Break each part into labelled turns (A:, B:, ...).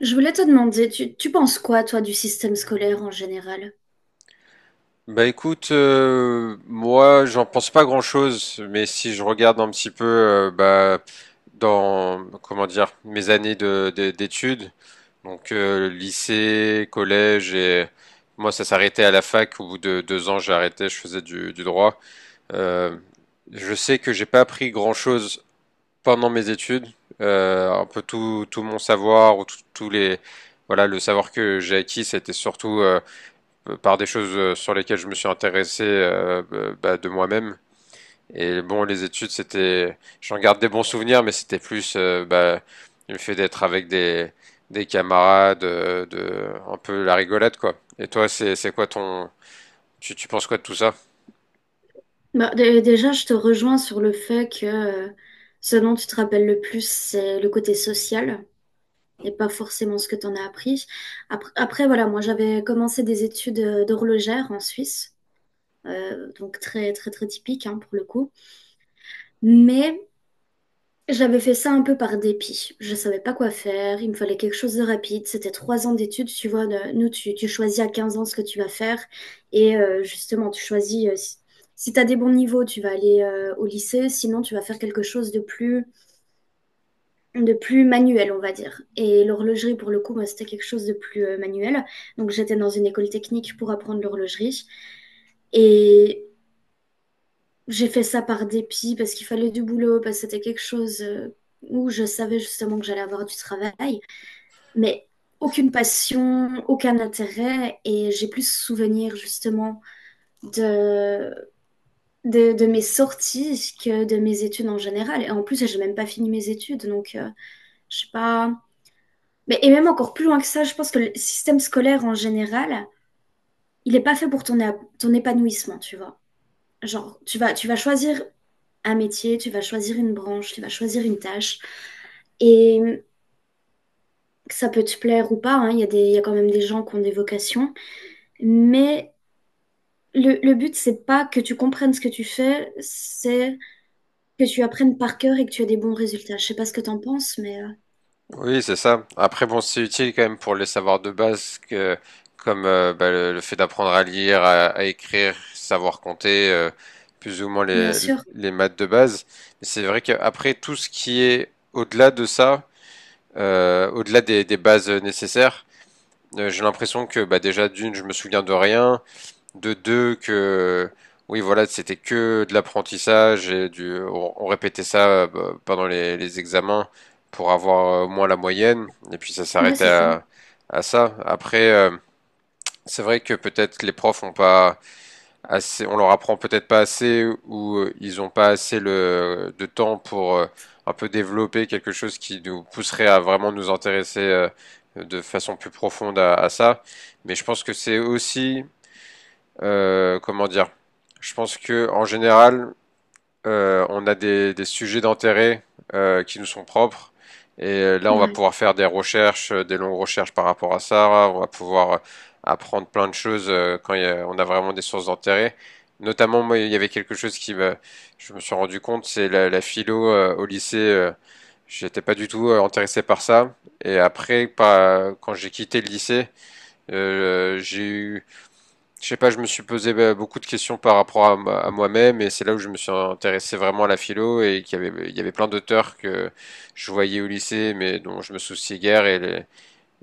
A: Je voulais te demander, tu penses quoi, toi, du système scolaire en général?
B: Bah écoute, moi j'en pense pas grand-chose, mais si je regarde un petit peu dans comment dire mes années d'études, lycée, collège et moi ça s'arrêtait à la fac. Au bout de deux ans j'ai arrêté, je faisais du droit. Euh, je sais que j'ai pas appris grand-chose pendant mes études. Un peu tout mon savoir ou tous les voilà le savoir que j'ai acquis, c'était surtout par des choses sur lesquelles je me suis intéressé bah, de moi-même. Et bon, les études, c'était, j'en garde des bons souvenirs, mais c'était plus bah, le fait d'être avec des camarades, un peu la rigolade, quoi. Et toi, c'est quoi ton, tu penses quoi de tout ça?
A: Bah, déjà, je te rejoins sur le fait que ce dont tu te rappelles le plus, c'est le côté social et pas forcément ce que tu en as appris. Après, voilà, moi, j'avais commencé des études d'horlogère en Suisse, donc très, très, très typique hein, pour le coup. Mais j'avais fait ça un peu par dépit. Je savais pas quoi faire. Il me fallait quelque chose de rapide. C'était 3 ans d'études. Tu vois, nous, tu choisis à 15 ans ce que tu vas faire. Et justement, tu choisis, si tu as des bons niveaux, tu vas aller au lycée. Sinon, tu vas faire quelque chose de plus manuel, on va dire. Et l'horlogerie, pour le coup, moi, c'était quelque chose de plus manuel. Donc, j'étais dans une école technique pour apprendre l'horlogerie. Et j'ai fait ça par dépit parce qu'il fallait du boulot, parce que c'était quelque chose où je savais justement que j'allais avoir du travail, mais aucune passion, aucun intérêt, et j'ai plus souvenir justement de, de mes sorties que de mes études en général. Et en plus, j'ai même pas fini mes études, donc je sais pas. Mais et même encore plus loin que ça, je pense que le système scolaire en général, il est pas fait pour ton épanouissement, tu vois. Genre, tu vas choisir un métier, tu vas choisir une branche, tu vas choisir une tâche. Et ça peut te plaire ou pas, hein, il y a des, il y a quand même des gens qui ont des vocations. Mais le but, c'est pas que tu comprennes ce que tu fais, c'est que tu apprennes par cœur et que tu aies des bons résultats. Je sais pas ce que t'en penses, mais
B: Oui, c'est ça. Après, bon, c'est utile quand même pour les savoirs de base, que, comme le fait d'apprendre à lire, à écrire, savoir compter, plus ou moins
A: bien sûr.
B: les maths de base. Mais c'est vrai qu'après, tout ce qui est au-delà de ça, au-delà des bases nécessaires, j'ai l'impression que bah, déjà d'une, je me souviens de rien de deux que oui voilà c'était que de l'apprentissage et du on répétait ça bah, pendant les examens pour avoir au moins la moyenne et puis ça
A: Ouais,
B: s'arrêtait
A: c'est ça.
B: à ça après c'est vrai que peut-être les profs ont pas assez on leur apprend peut-être pas assez ou ils ont pas assez le de temps pour un peu développer quelque chose qui nous pousserait à vraiment nous intéresser de façon plus profonde à ça mais je pense que c'est aussi comment dire? Je pense que en général, on a des sujets d'intérêt qui nous sont propres. Et là, on va
A: Ouais.
B: pouvoir faire des recherches, des longues recherches par rapport à ça. On va pouvoir apprendre plein de choses quand on a vraiment des sources d'intérêt. Notamment, moi, il y avait quelque chose qui me, je me suis rendu compte, c'est la philo au lycée. J'étais pas du tout intéressé par ça. Et après, quand j'ai quitté le lycée, j'ai eu je sais pas, je me suis posé bah, beaucoup de questions par rapport à, à moi-même et c'est là où je me suis intéressé vraiment à la philo et qu'il y avait, il y avait plein d'auteurs que je voyais au lycée mais dont je me souciais guère et, les-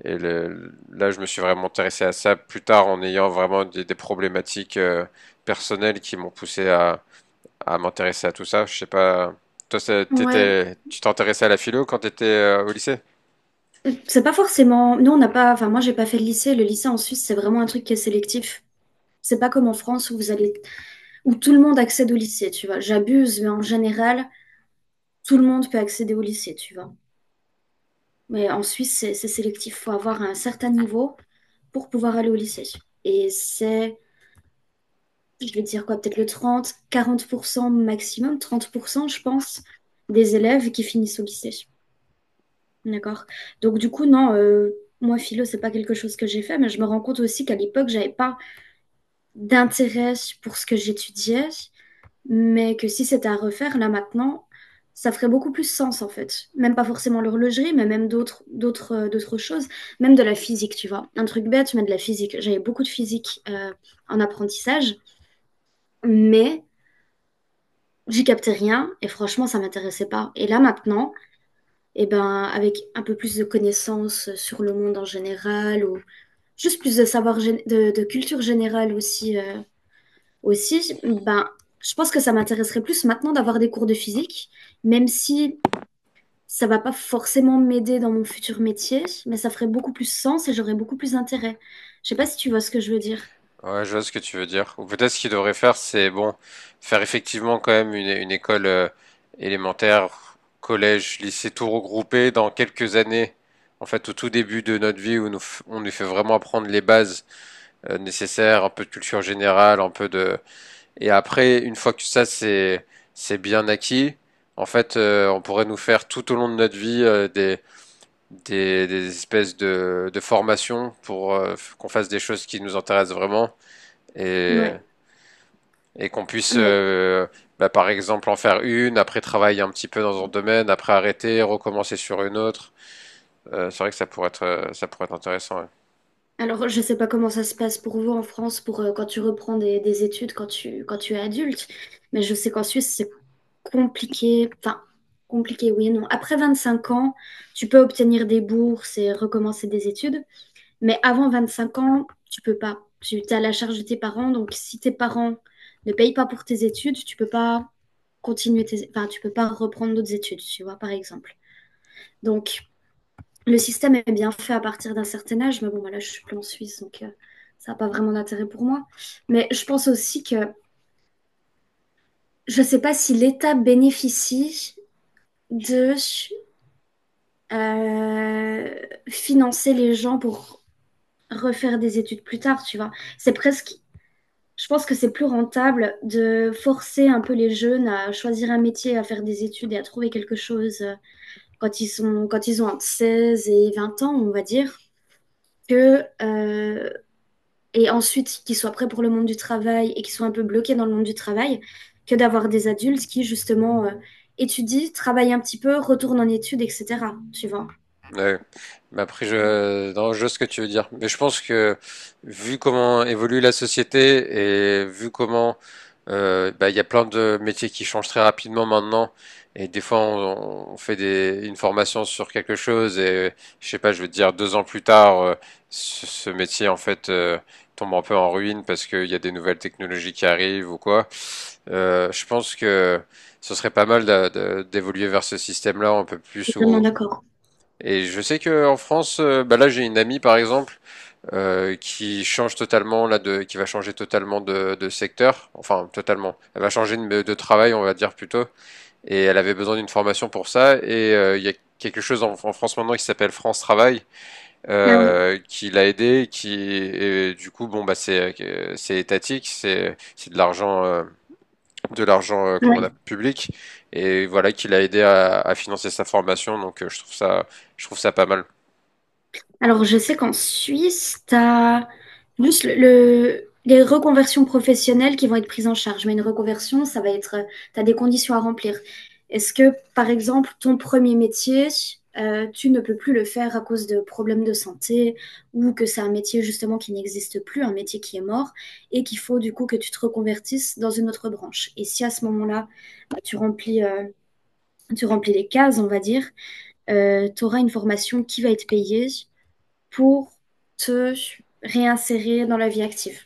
B: et le- là je me suis vraiment intéressé à ça plus tard en ayant vraiment des problématiques personnelles qui m'ont poussé à m'intéresser à tout ça. Je sais pas, toi
A: Ouais,
B: t'étais, tu t'intéressais à la philo quand t'étais au lycée?
A: c'est pas forcément. Nous, on n'a pas. Enfin, moi, j'ai pas fait le lycée. Le lycée en Suisse, c'est vraiment un truc qui est sélectif. C'est pas comme en France où vous allez où tout le monde accède au lycée, tu vois. J'abuse, mais en général, tout le monde peut accéder au lycée, tu vois. Mais en Suisse, c'est sélectif. Faut avoir un certain niveau pour pouvoir aller au lycée. Et c'est, je vais dire quoi, peut-être le 30, 40% maximum, 30%, je pense, des élèves qui finissent au lycée. D'accord? Donc, du coup, non, moi, philo, c'est pas quelque chose que j'ai fait, mais je me rends compte aussi qu'à l'époque, j'avais pas d'intérêt pour ce que j'étudiais. Mais que si c'était à refaire, là maintenant, ça ferait beaucoup plus sens en fait. Même pas forcément l'horlogerie, mais même d'autres choses. Même de la physique, tu vois. Un truc bête, mais de la physique. J'avais beaucoup de physique en apprentissage, mais j'y captais rien et franchement, ça m'intéressait pas. Et là maintenant, eh ben, avec un peu plus de connaissances sur le monde en général ou juste plus de savoir, de culture générale aussi. Aussi, ben, je pense que ça m'intéresserait plus maintenant d'avoir des cours de physique, même si ça va pas forcément m'aider dans mon futur métier, mais ça ferait beaucoup plus sens et j'aurais beaucoup plus d'intérêt. Je sais pas si tu vois ce que je veux dire.
B: Ouais, je vois ce que tu veux dire. Ou peut-être ce qu'il devrait faire, c'est bon, faire effectivement quand même une école élémentaire, collège, lycée, tout regroupé dans quelques années. En fait, au tout début de notre vie, où nous, on nous fait vraiment apprendre les bases nécessaires, un peu de culture générale, un peu de... Et après, une fois que ça, c'est bien acquis, en fait, on pourrait nous faire tout au long de notre vie des espèces de formations pour qu'on fasse des choses qui nous intéressent vraiment. Et
A: Ouais.
B: et qu'on puisse,
A: Ah, mais
B: bah, par exemple, en faire une, après travailler un petit peu dans un domaine, après arrêter, recommencer sur une autre. C'est vrai que ça pourrait être intéressant. Ouais.
A: alors je sais pas comment ça se passe pour vous en France pour quand tu reprends des études quand tu es adulte, mais je sais qu'en Suisse c'est compliqué, enfin compliqué oui et non. Après 25 ans, tu peux obtenir des bourses et recommencer des études. Mais avant 25 ans, tu peux pas. Tu es à la charge de tes parents. Donc, si tes parents ne payent pas pour tes études, tu peux pas continuer tes… Enfin, tu peux pas reprendre d'autres études, tu vois, par exemple. Donc, le système est bien fait à partir d'un certain âge. Mais bon, voilà, je suis plus en Suisse, donc ça n'a pas vraiment d'intérêt pour moi. Mais je pense aussi que je ne sais pas si l'État bénéficie de financer les gens pour refaire des études plus tard, tu vois. C'est presque, je pense que c'est plus rentable de forcer un peu les jeunes à choisir un métier, à faire des études et à trouver quelque chose quand ils sont, quand ils ont entre 16 et 20 ans, on va dire, que, euh, et ensuite qu'ils soient prêts pour le monde du travail et qu'ils soient un peu bloqués dans le monde du travail, que d'avoir des adultes qui, justement, étudient, travaillent un petit peu, retournent en études, etc. Tu vois?
B: Ouais. Mais après, je, non, je vois ce que tu veux dire. Mais je pense que vu comment évolue la société et vu comment bah, il y a plein de métiers qui changent très rapidement maintenant, et des fois on fait une formation sur quelque chose et je sais pas, je veux te dire deux ans plus tard, ce métier en fait tombe un peu en ruine parce qu'il y a des nouvelles technologies qui arrivent ou quoi. Je pense que ce serait pas mal d'évoluer vers ce système-là un peu
A: Je
B: plus
A: suis totalement
B: où
A: d'accord.
B: et je sais que en France, bah là j'ai une amie par exemple qui change totalement là de, qui va changer totalement de secteur, enfin totalement. Elle va changer de travail, on va dire plutôt. Et elle avait besoin d'une formation pour ça. Et il y a quelque chose en France maintenant qui s'appelle France Travail
A: Ah ouais.
B: qui l'a aidé, qui et du coup bon bah c'est étatique, c'est de l'argent comment on
A: Ouais.
B: appelle, public et voilà qui l'a aidé à financer sa formation. Donc je trouve ça pas mal.
A: Alors, je sais qu'en Suisse, tu as juste les reconversions professionnelles qui vont être prises en charge. Mais une reconversion, ça va être, tu as des conditions à remplir. Est-ce que, par exemple, ton premier métier, tu ne peux plus le faire à cause de problèmes de santé ou que c'est un métier justement qui n'existe plus, un métier qui est mort et qu'il faut du coup que tu te reconvertisses dans une autre branche. Et si à ce moment-là, tu remplis, euh, tu remplis les cases, on va dire, tu auras une formation qui va être payée pour te réinsérer dans la vie active,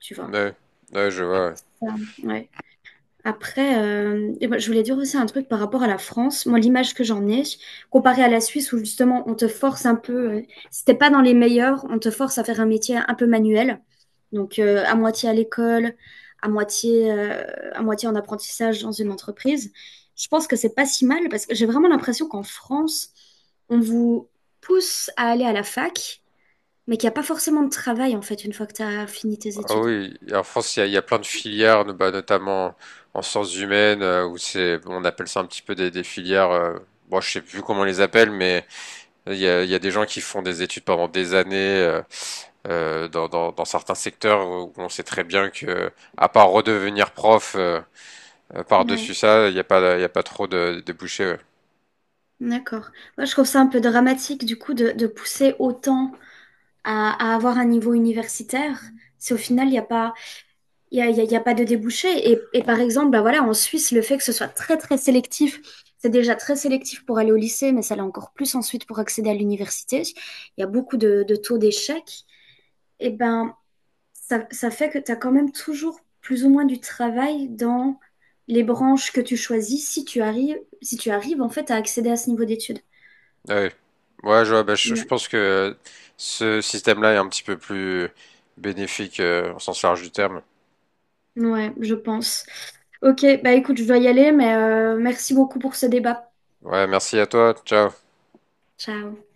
A: tu vois.
B: Ouais, ouais, je vois. Ouais.
A: Ça, ouais. Après, et ben, je voulais dire aussi un truc par rapport à la France. Moi, l'image que j'en ai, comparée à la Suisse, où justement, on te force un peu, si t'es pas dans les meilleurs, on te force à faire un métier un peu manuel. Donc, à moitié à l'école, à moitié, euh, à moitié en apprentissage dans une entreprise. Je pense que c'est pas si mal parce que j'ai vraiment l'impression qu'en France, on vous pousse à aller à la fac mais qu'il n'y a pas forcément de travail en fait une fois que tu as fini tes
B: Ah
A: études.
B: oui, et en France, il y a plein de filières, bah, notamment en sciences humaines, où c'est, bon, on appelle ça un petit peu des filières. Bon, je sais plus comment on les appelle, mais il y a des gens qui font des études pendant des années euh, dans certains secteurs où on sait très bien que, à part redevenir prof par-dessus
A: Ouais,
B: ça, il n'y a pas, il y a pas trop de débouchés. Ouais.
A: d'accord. Moi, je trouve ça un peu dramatique du coup de pousser autant à avoir un niveau universitaire si au final il n'y a pas Il n'y a, il y a- il y a pas de débouché. Et par exemple, bah voilà, en Suisse, le fait que ce soit très, très sélectif, c'est déjà très sélectif pour aller au lycée, mais ça l'est encore plus ensuite pour accéder à l'université. Il y a beaucoup de taux d'échec. Et ben, ça fait que tu as quand même toujours plus ou moins du travail dans les branches que tu choisis si tu arrives en fait à accéder à ce niveau d'études.
B: Ouais. Ouais, je vois, bah, je
A: Ouais,
B: pense que ce système-là est un petit peu plus bénéfique au sens large du terme.
A: ouais, je pense. Ok, bah écoute, je dois y aller, mais merci beaucoup pour ce débat.
B: Ouais, merci à toi. Ciao.
A: Ciao.